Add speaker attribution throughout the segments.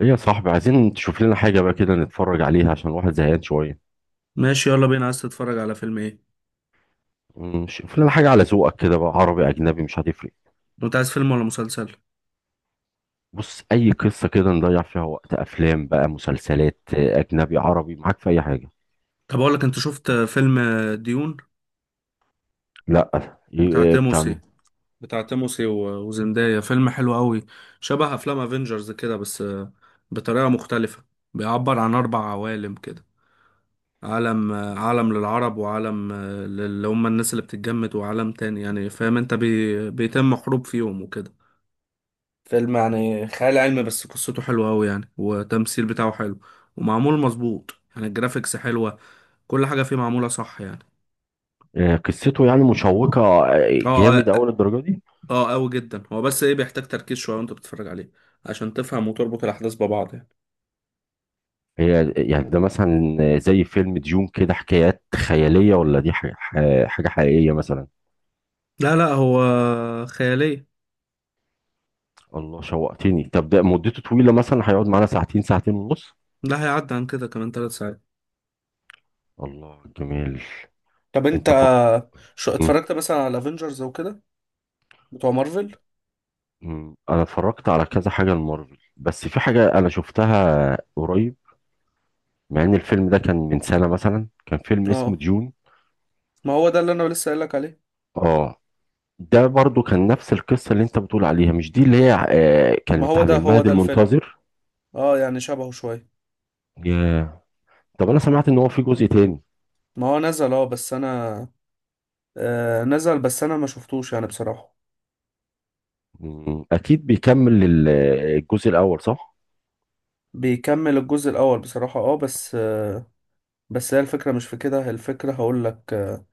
Speaker 1: ايه يا صاحبي؟ عايزين تشوف لنا حاجة بقى كده نتفرج عليها عشان الواحد زهقان شوية.
Speaker 2: ماشي، يلا بينا. عايز تتفرج على فيلم ايه؟
Speaker 1: شوف لنا حاجة على ذوقك كده بقى، عربي أجنبي مش هتفرق.
Speaker 2: انت عايز فيلم ولا مسلسل؟
Speaker 1: بص، أي قصة كده نضيع فيها وقت، أفلام بقى مسلسلات أجنبي عربي، معاك في أي حاجة.
Speaker 2: طب اقول لك، انت شفت فيلم ديون؟
Speaker 1: لا
Speaker 2: بتاع
Speaker 1: إيه بتاع
Speaker 2: تيموسي
Speaker 1: مين؟
Speaker 2: بتاع تيموسي و- وزندايا، فيلم حلو قوي. شبه افلام افنجرز كده، بس بطريقة مختلفة. بيعبر عن اربع عوالم كده، عالم للعرب، وعالم اللي هم الناس اللي بتتجمد، وعالم تاني يعني، فاهم انت، بيتم حروب فيهم وكده. فيلم يعني خيال علمي، بس قصته حلوة أوي يعني، والتمثيل بتاعه حلو ومعمول مظبوط، يعني الجرافيكس حلوة. كل حاجة فيه معمولة صح يعني.
Speaker 1: قصته يعني مشوقة. آه.
Speaker 2: اه،
Speaker 1: جامد أوي
Speaker 2: اه،
Speaker 1: للدرجة دي؟
Speaker 2: اه أوي جدا هو، بس ايه بيحتاج تركيز شوية وانت بتتفرج عليه، عشان تفهم وتربط الأحداث ببعض يعني.
Speaker 1: هي يعني ده مثلا زي فيلم ديون كده، حكايات خيالية، ولا دي حاجة حاجة حقيقية مثلا؟
Speaker 2: لا، لا، هو خيالية.
Speaker 1: الله، شوقتني. طب ده مدته طويلة مثلا؟ هيقعد معانا ساعتين، ساعتين ونص؟
Speaker 2: لا، هيعدي عن كده كمان 3 ساعات.
Speaker 1: الله، جميل.
Speaker 2: طب
Speaker 1: انت
Speaker 2: انت،
Speaker 1: فق...
Speaker 2: شو
Speaker 1: مم.
Speaker 2: اتفرجت مثلا على افنجرز وكده، بتوع مارفل؟
Speaker 1: مم. انا اتفرجت على كذا حاجه المارفل، بس في حاجه انا شفتها قريب، مع ان الفيلم ده كان من سنه مثلا، كان فيلم اسمه
Speaker 2: اه،
Speaker 1: ديون.
Speaker 2: ما هو ده اللي انا لسه قايل لك عليه.
Speaker 1: اه، ده برضو كان نفس القصه اللي انت بتقول عليها، مش دي اللي هي
Speaker 2: ما
Speaker 1: كانت
Speaker 2: هو
Speaker 1: عن
Speaker 2: ده، هو
Speaker 1: المهد
Speaker 2: ده الفيلم.
Speaker 1: المنتظر؟
Speaker 2: اه، يعني شبهه شوية.
Speaker 1: ياه. طب انا سمعت ان هو في جزء تاني.
Speaker 2: ما هو نزل اه بس انا آه نزل، بس انا ما شفتوش يعني بصراحة.
Speaker 1: مم. اكيد بيكمل الجزء الاول، صح؟
Speaker 2: بيكمل الجزء الاول بصراحة، اه، بس هي الفكرة مش في كده، هي الفكرة هقول لك.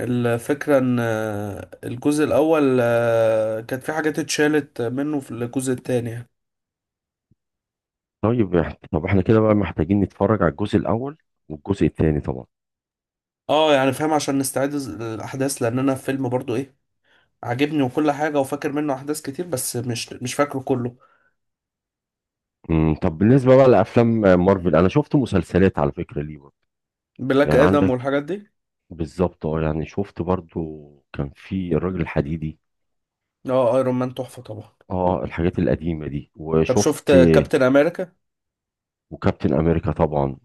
Speaker 2: الفكرة ان الجزء الاول كانت في حاجات اتشالت منه في الجزء التاني يعني.
Speaker 1: طيب طب احنا كده بقى محتاجين نتفرج على الجزء الاول والجزء التاني طبعا.
Speaker 2: اه، يعني فاهم، عشان نستعيد الاحداث، لان انا فيلم برضو ايه، عاجبني وكل حاجة، وفاكر منه احداث كتير، بس مش فاكره كله.
Speaker 1: مم. طب بالنسبه بقى لافلام مارفل، انا شفت مسلسلات على فكره ليه،
Speaker 2: بلاك
Speaker 1: يعني
Speaker 2: ادم
Speaker 1: عندك.
Speaker 2: والحاجات دي.
Speaker 1: بالظبط، اه، يعني شفت برضو. كان في الراجل الحديدي.
Speaker 2: اه، ايرون مان تحفة طبعا.
Speaker 1: اه الحاجات القديمة دي،
Speaker 2: طب شفت
Speaker 1: وشفت
Speaker 2: كابتن امريكا؟
Speaker 1: وكابتن امريكا طبعا.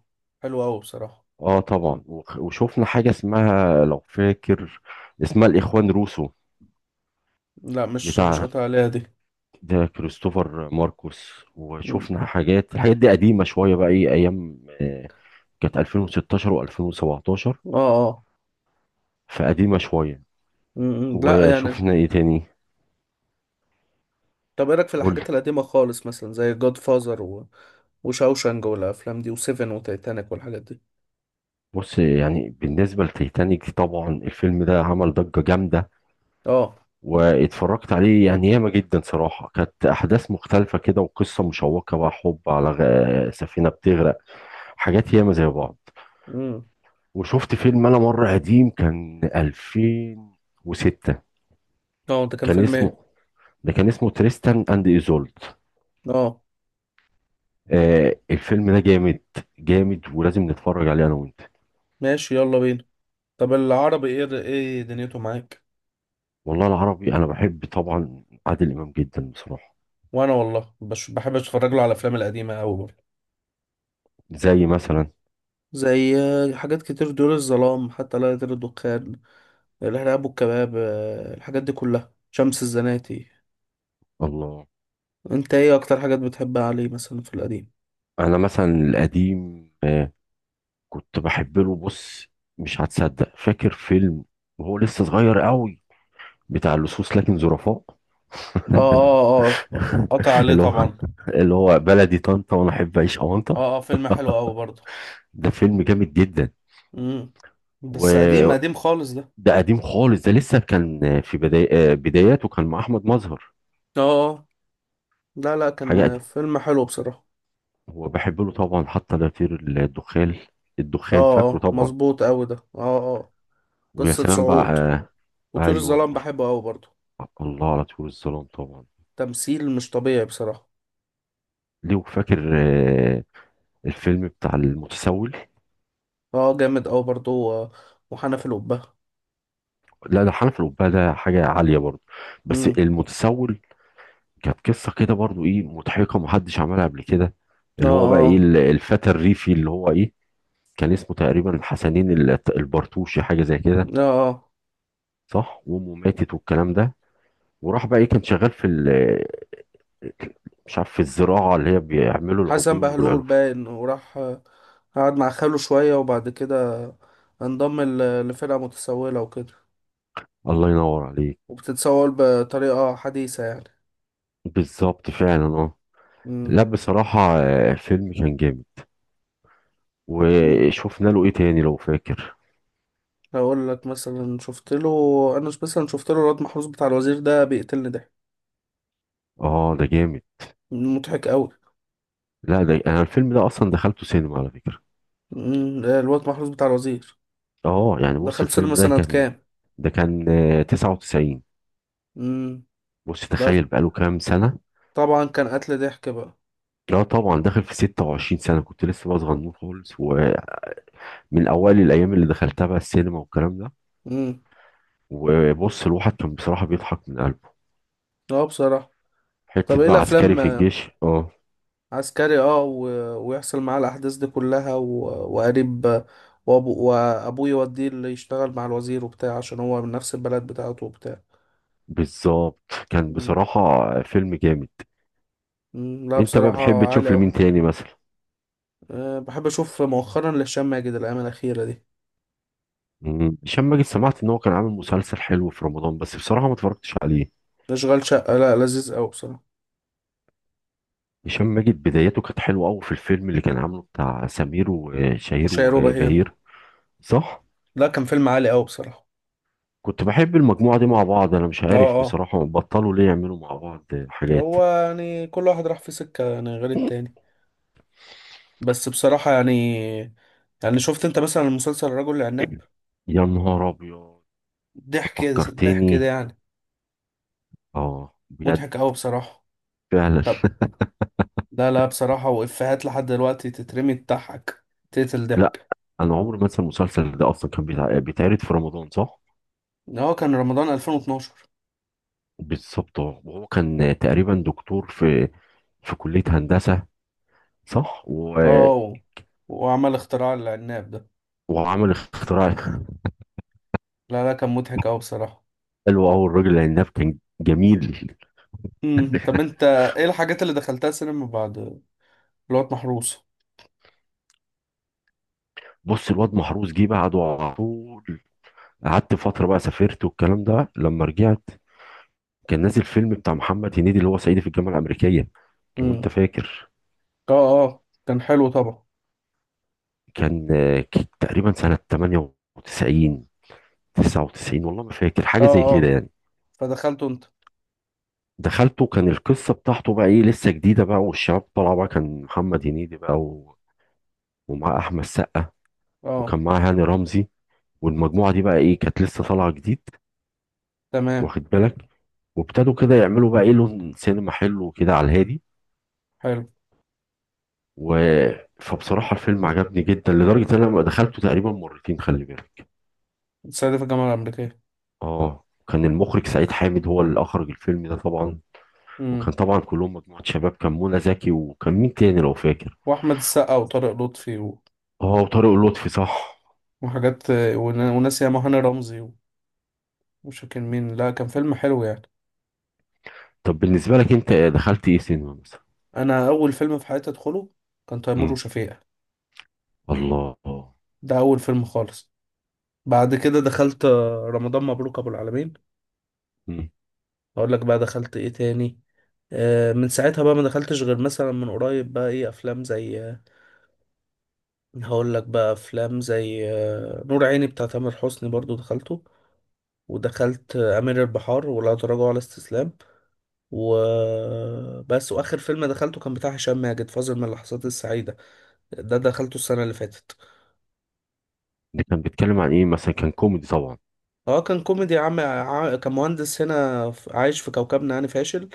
Speaker 2: حلو قوي بصراحة.
Speaker 1: اه طبعا، وشفنا حاجة اسمها لو فاكر، اسمها الاخوان روسو،
Speaker 2: لا، مش
Speaker 1: بتاع،
Speaker 2: قاطع عليها دي.
Speaker 1: ده كريستوفر ماركوس.
Speaker 2: مم.
Speaker 1: وشفنا حاجات، الحاجات دي قديمة شوية بقى ايه، ايام كانت 2016 و2017،
Speaker 2: اه، اه.
Speaker 1: فقديمة شوية.
Speaker 2: مم. لا يعني.
Speaker 1: وشفنا ايه تاني؟
Speaker 2: طب ايه رايك في
Speaker 1: قول.
Speaker 2: الحاجات القديمه خالص، مثلا زي جود فازر وشاوشانج والافلام دي، وسيفن وتايتانيك والحاجات دي؟
Speaker 1: بص يعني بالنسبة لتيتانيك، طبعا الفيلم ده عمل ضجة جامدة،
Speaker 2: اه.
Speaker 1: واتفرجت عليه يعني ياما، جدا صراحة، كانت أحداث مختلفة كده وقصة مشوقة بقى، حب على سفينة بتغرق، حاجات ياما زي بعض.
Speaker 2: امم.
Speaker 1: وشفت فيلم أنا مرة قديم، كان 2006،
Speaker 2: اه، ده كان
Speaker 1: كان
Speaker 2: فيلم
Speaker 1: اسمه،
Speaker 2: ايه؟
Speaker 1: ده كان اسمه تريستان أند إيزولد.
Speaker 2: اه،
Speaker 1: الفيلم ده جامد، جامد، ولازم نتفرج عليه أنا وأنت.
Speaker 2: ماشي يلا بينا. طب العربي، ايه دنيته معاك؟
Speaker 1: والله العربي، أنا بحب طبعا عادل إمام جدا بصراحة.
Speaker 2: وانا والله، بحب اتفرج له على الافلام القديمه قوي برضه.
Speaker 1: زي مثلا؟
Speaker 2: زي حاجات كتير، دول الظلام، حتى لا يطير الدخان، الارهاب والكباب، الحاجات دي كلها، شمس الزناتي.
Speaker 1: الله،
Speaker 2: انت ايه اكتر حاجات بتحبها عليه مثلا في القديم؟
Speaker 1: انا مثلا القديم كنت بحب له. بص، مش هتصدق، فاكر فيلم وهو لسه صغير قوي، بتاع اللصوص لكن ظرفاء؟
Speaker 2: اه، اه، اه، قطع عليه
Speaker 1: اللي هو،
Speaker 2: طبعا.
Speaker 1: اللي هو بلدي طنطا وانا احب اعيش اونطه.
Speaker 2: اه، اه، فيلم حلو قوي برضه.
Speaker 1: ده فيلم جامد جدا.
Speaker 2: امم. بس قديم قديم
Speaker 1: وده
Speaker 2: خالص ده.
Speaker 1: قديم خالص، ده لسه كان في بداية بداياته، كان مع احمد مظهر.
Speaker 2: اه، اه. لا، لا،
Speaker 1: حاجه
Speaker 2: كان
Speaker 1: قديم.
Speaker 2: فيلم حلو بصراحة.
Speaker 1: هو بحب له طبعا حتى لا يطير الدخان.
Speaker 2: اه،
Speaker 1: الدخان، فاكره
Speaker 2: اه،
Speaker 1: طبعا.
Speaker 2: مظبوط قوي ده، اه، اه.
Speaker 1: ويا
Speaker 2: قصة
Speaker 1: سلام بقى
Speaker 2: صعود، وطيور
Speaker 1: ايوه.
Speaker 2: الظلام بحبه قوي برضه.
Speaker 1: الله، على طول الظلام طبعا.
Speaker 2: تمثيل مش طبيعي بصراحة.
Speaker 1: لو فاكر الفيلم بتاع المتسول؟
Speaker 2: اه، اه، جامد قوي برضه، و- وحنف القبة.
Speaker 1: لا ده حنف الأبهة، ده حاجة عالية برضه. بس
Speaker 2: امم،
Speaker 1: المتسول كانت قصة كده برضه ايه، مضحكة، محدش عملها قبل كده،
Speaker 2: اه،
Speaker 1: اللي هو بقى ايه
Speaker 2: اه،
Speaker 1: الفتى الريفي اللي هو ايه، كان اسمه تقريبا الحسنين البرتوشي، حاجة زي كده،
Speaker 2: اه، اه،
Speaker 1: صح؟ وامه ماتت والكلام ده، وراح بقى ايه كان شغال في مش عارف في الزراعة، اللي هي بيعملوا
Speaker 2: حسن
Speaker 1: العجول
Speaker 2: بهلول
Speaker 1: والعلوف.
Speaker 2: باين وراح، قعد مع خاله شوية، وبعد كده انضم ل- لفرقة متسولة وكده،
Speaker 1: الله ينور عليك.
Speaker 2: وبتتصور بطريقة حديثة يعني.
Speaker 1: بالظبط فعلا، اه.
Speaker 2: امم،
Speaker 1: لا بصراحة الفيلم كان جامد.
Speaker 2: امم.
Speaker 1: وشفنا له ايه تاني لو فاكر؟
Speaker 2: هقول لك مثلا شفت له، انا مثلا شفت له الواد محروس بتاع الوزير، ده بيقتلني ده.
Speaker 1: اه ده جامد.
Speaker 2: مضحك قوي.
Speaker 1: لا ده، انا الفيلم ده اصلا دخلته سينما على فكرة.
Speaker 2: امم، الواد محروس بتاع الوزير،
Speaker 1: اه يعني بص،
Speaker 2: دخلت
Speaker 1: الفيلم
Speaker 2: سينما
Speaker 1: ده
Speaker 2: سنة
Speaker 1: كان،
Speaker 2: كام؟
Speaker 1: ده كان 99.
Speaker 2: امم.
Speaker 1: بص
Speaker 2: ده
Speaker 1: تخيل، بقاله كام سنة.
Speaker 2: طبعا كان قتل ضحك بقى.
Speaker 1: لا طبعا داخل في 26 سنة، كنت لسه بقى صغنون خالص، ومن اوائل الايام اللي دخلتها بقى السينما والكلام ده.
Speaker 2: امم،
Speaker 1: وبص، الواحد كان بصراحة بيضحك من قلبه.
Speaker 2: اه بصراحة. طب
Speaker 1: حتة
Speaker 2: ايه
Speaker 1: بقى عسكري
Speaker 2: الافلام؟
Speaker 1: في الجيش، اه.
Speaker 2: عسكري، اه، ويحصل معاه الاحداث دي كلها، وقريب، وابوه يوديه اللي يشتغل مع الوزير وبتاع، عشان هو من نفس البلد بتاعته وبتاع.
Speaker 1: بالظبط، كان بصراحة فيلم جامد.
Speaker 2: مم، لا
Speaker 1: انت بقى
Speaker 2: بصراحة
Speaker 1: بتحب
Speaker 2: عالي
Speaker 1: تشوف
Speaker 2: أوي.
Speaker 1: لمين تاني مثلا؟
Speaker 2: أه، بحب أشوف مؤخرا لهشام ماجد الأيام الأخيرة دي.
Speaker 1: مم. هشام ماجد، سمعت ان هو كان عامل مسلسل حلو في رمضان، بس بصراحة ما اتفرجتش عليه.
Speaker 2: أشغال شقة، لا لذيذ أوي بصراحة.
Speaker 1: هشام ماجد بدايته كانت حلوة قوي في الفيلم اللي كان عامله بتاع سمير وشهير
Speaker 2: وشيروبا هيرو.
Speaker 1: وبهير. صح.
Speaker 2: لا، كان فيلم عالي أوي بصراحة.
Speaker 1: كنت بحب المجموعة دي مع بعض، انا مش
Speaker 2: اه،
Speaker 1: عارف
Speaker 2: اه.
Speaker 1: بصراحة بطلوا ليه يعملوا مع بعض حاجات.
Speaker 2: هو يعني كل واحد راح في سكة يعني غير التاني، بس بصراحة يعني شفت أنت مثلا مسلسل الرجل العناب؟
Speaker 1: يا نهار ابيض،
Speaker 2: ضحك. ضحك ده
Speaker 1: فكرتني.
Speaker 2: يعني.
Speaker 1: اه، بجد،
Speaker 2: مضحك أوي بصراحة.
Speaker 1: فعلا.
Speaker 2: طب. لا، لا بصراحة، وإفيهات لحد دلوقتي تترمي تضحك، تقتل
Speaker 1: لا،
Speaker 2: ضحك.
Speaker 1: انا عمري ما انسى المسلسل ده، اصلا كان بيتعرض في رمضان، صح؟
Speaker 2: هو كان رمضان 2012.
Speaker 1: بالظبط، اه، وهو كان تقريبا دكتور في، في كلية هندسة، صح؟ و...
Speaker 2: اه، وعمل اختراع العناب ده.
Speaker 1: وعمل اختراع.
Speaker 2: لا، لا، كان مضحك أوي بصراحة.
Speaker 1: حلو قوي الراجل العناب، كان جميل.
Speaker 2: امم، طب انت ايه الحاجات اللي دخلتها سينما بعد الوقت محروس؟
Speaker 1: بص الواد محروس جه بعده على طول. قعدت فترة بقى، سافرت والكلام ده، لما رجعت كان نازل فيلم بتاع محمد هنيدي، اللي هو صعيدي في الجامعة الأمريكية، لو أنت
Speaker 2: امم،
Speaker 1: فاكر.
Speaker 2: اه، اه، كان حلو طبعا.
Speaker 1: كان تقريبا سنة 98، 99، والله ما فاكر حاجة
Speaker 2: اه،
Speaker 1: زي كده
Speaker 2: اه،
Speaker 1: يعني.
Speaker 2: فدخلته انت؟
Speaker 1: دخلته، كان القصة بتاعته بقى إيه لسه جديدة بقى، والشباب طالعة بقى، كان محمد هنيدي بقى و... ومعاه أحمد سقا، وكان
Speaker 2: اه.
Speaker 1: معاه هاني رمزي، والمجموعة دي بقى ايه كانت لسه طالعة جديد،
Speaker 2: تمام.
Speaker 1: واخد بالك؟ وابتدوا كده يعملوا بقى ايه لون سينما حلو كده على الهادي،
Speaker 2: حلو.
Speaker 1: و، فبصراحة الفيلم عجبني جدا، لدرجة ان انا لما دخلته تقريبا مرتين، خلي بالك.
Speaker 2: الصعيدي في الجامعة الأمريكية.
Speaker 1: اه، كان المخرج سعيد حامد هو اللي اخرج الفيلم ده طبعا.
Speaker 2: امم،
Speaker 1: وكان طبعا كلهم مجموعة شباب، كان منى زكي، وكان مين تاني لو فاكر؟
Speaker 2: وأحمد السقا وطارق لطفي،
Speaker 1: اه وطارق لطفي، صح.
Speaker 2: وحاجات، وناس ياما هاني رمزي، مش فاكر مين. لا، كان فيلم حلو يعني.
Speaker 1: طب بالنسبة لك انت، دخلت ايه سينما مثلا؟
Speaker 2: أنا أول فيلم في حياتي أدخله كان تيمور
Speaker 1: مم.
Speaker 2: وشفيقة.
Speaker 1: الله.
Speaker 2: ده أول فيلم خالص. بعد كده دخلت رمضان مبروك ابو العالمين.
Speaker 1: مم.
Speaker 2: اقول لك بقى دخلت ايه تاني. من ساعتها بقى ما دخلتش، غير مثلا من قريب بقى ايه افلام زي آه، هقول لك بقى افلام زي آه، نور عيني بتاع تامر حسني برضو دخلته. ودخلت امير البحار، ولا تراجع ولا استسلام. وبس، واخر فيلم دخلته كان بتاع هشام ماجد، فاصل من اللحظات السعيده، ده دخلته السنه اللي فاتت.
Speaker 1: ده كان بيتكلم عن ايه مثلا؟ كان كوميدي طبعا؟
Speaker 2: اه، كان كوميدي، كان مهندس هنا، عايش في كوكبنا يعني فاشل.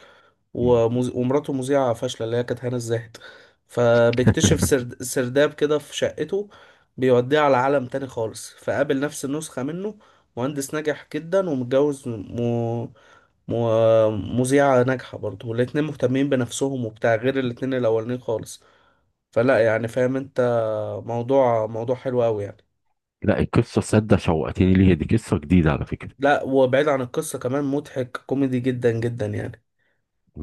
Speaker 2: ومراته مذيعة فاشلة، اللي هي كانت هنا الزاهد. فبيكتشف سرداب كده في شقته، بيوديه على عالم تاني خالص، فقابل نفس النسخة منه، مهندس ناجح جدا ومتجوز م... مذيعة ناجحة برضه، والاتنين مهتمين بنفسهم وبتاع، غير الاتنين الأولانيين خالص. فلا يعني فاهم انت، موضوع حلو أوي يعني.
Speaker 1: لا القصه صدق شوقتني ليها، دي قصه جديده على فكره.
Speaker 2: لا، وبعيد عن القصة كمان مضحك، كوميدي جدا جدا يعني،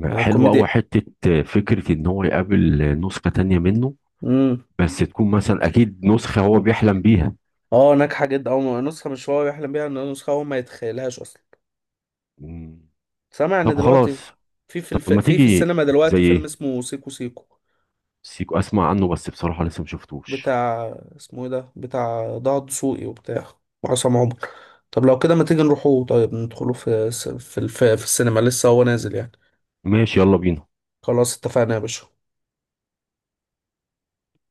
Speaker 2: يعني
Speaker 1: حلوه قوي
Speaker 2: الكوميديا.
Speaker 1: حته، فكره ان هو يقابل نسخه تانية منه،
Speaker 2: امم،
Speaker 1: بس تكون مثلا اكيد نسخه هو بيحلم بيها.
Speaker 2: اه ناجحه جدا، او نسخه مش هو يحلم بيها، ان نسخه هو ما يتخيلهاش اصلا.
Speaker 1: مم.
Speaker 2: سامع ان
Speaker 1: طب
Speaker 2: دلوقتي
Speaker 1: خلاص.
Speaker 2: في في
Speaker 1: طب
Speaker 2: الف...
Speaker 1: ما
Speaker 2: في في
Speaker 1: تيجي.
Speaker 2: السينما
Speaker 1: زي
Speaker 2: دلوقتي فيلم
Speaker 1: ايه؟
Speaker 2: اسمه سيكو سيكو،
Speaker 1: سيكو، اسمع عنه بس بصراحه لسه ما شفتوش.
Speaker 2: بتاع، اسمه ايه ده، بتاع ضاع دسوقي وبتاع، وعصام عمر. طب لو كده ما تيجي نروحوا، طيب ندخلوا في السينما، لسه هو نازل يعني.
Speaker 1: ماشي يلا بينا.
Speaker 2: خلاص، اتفقنا يا باشا.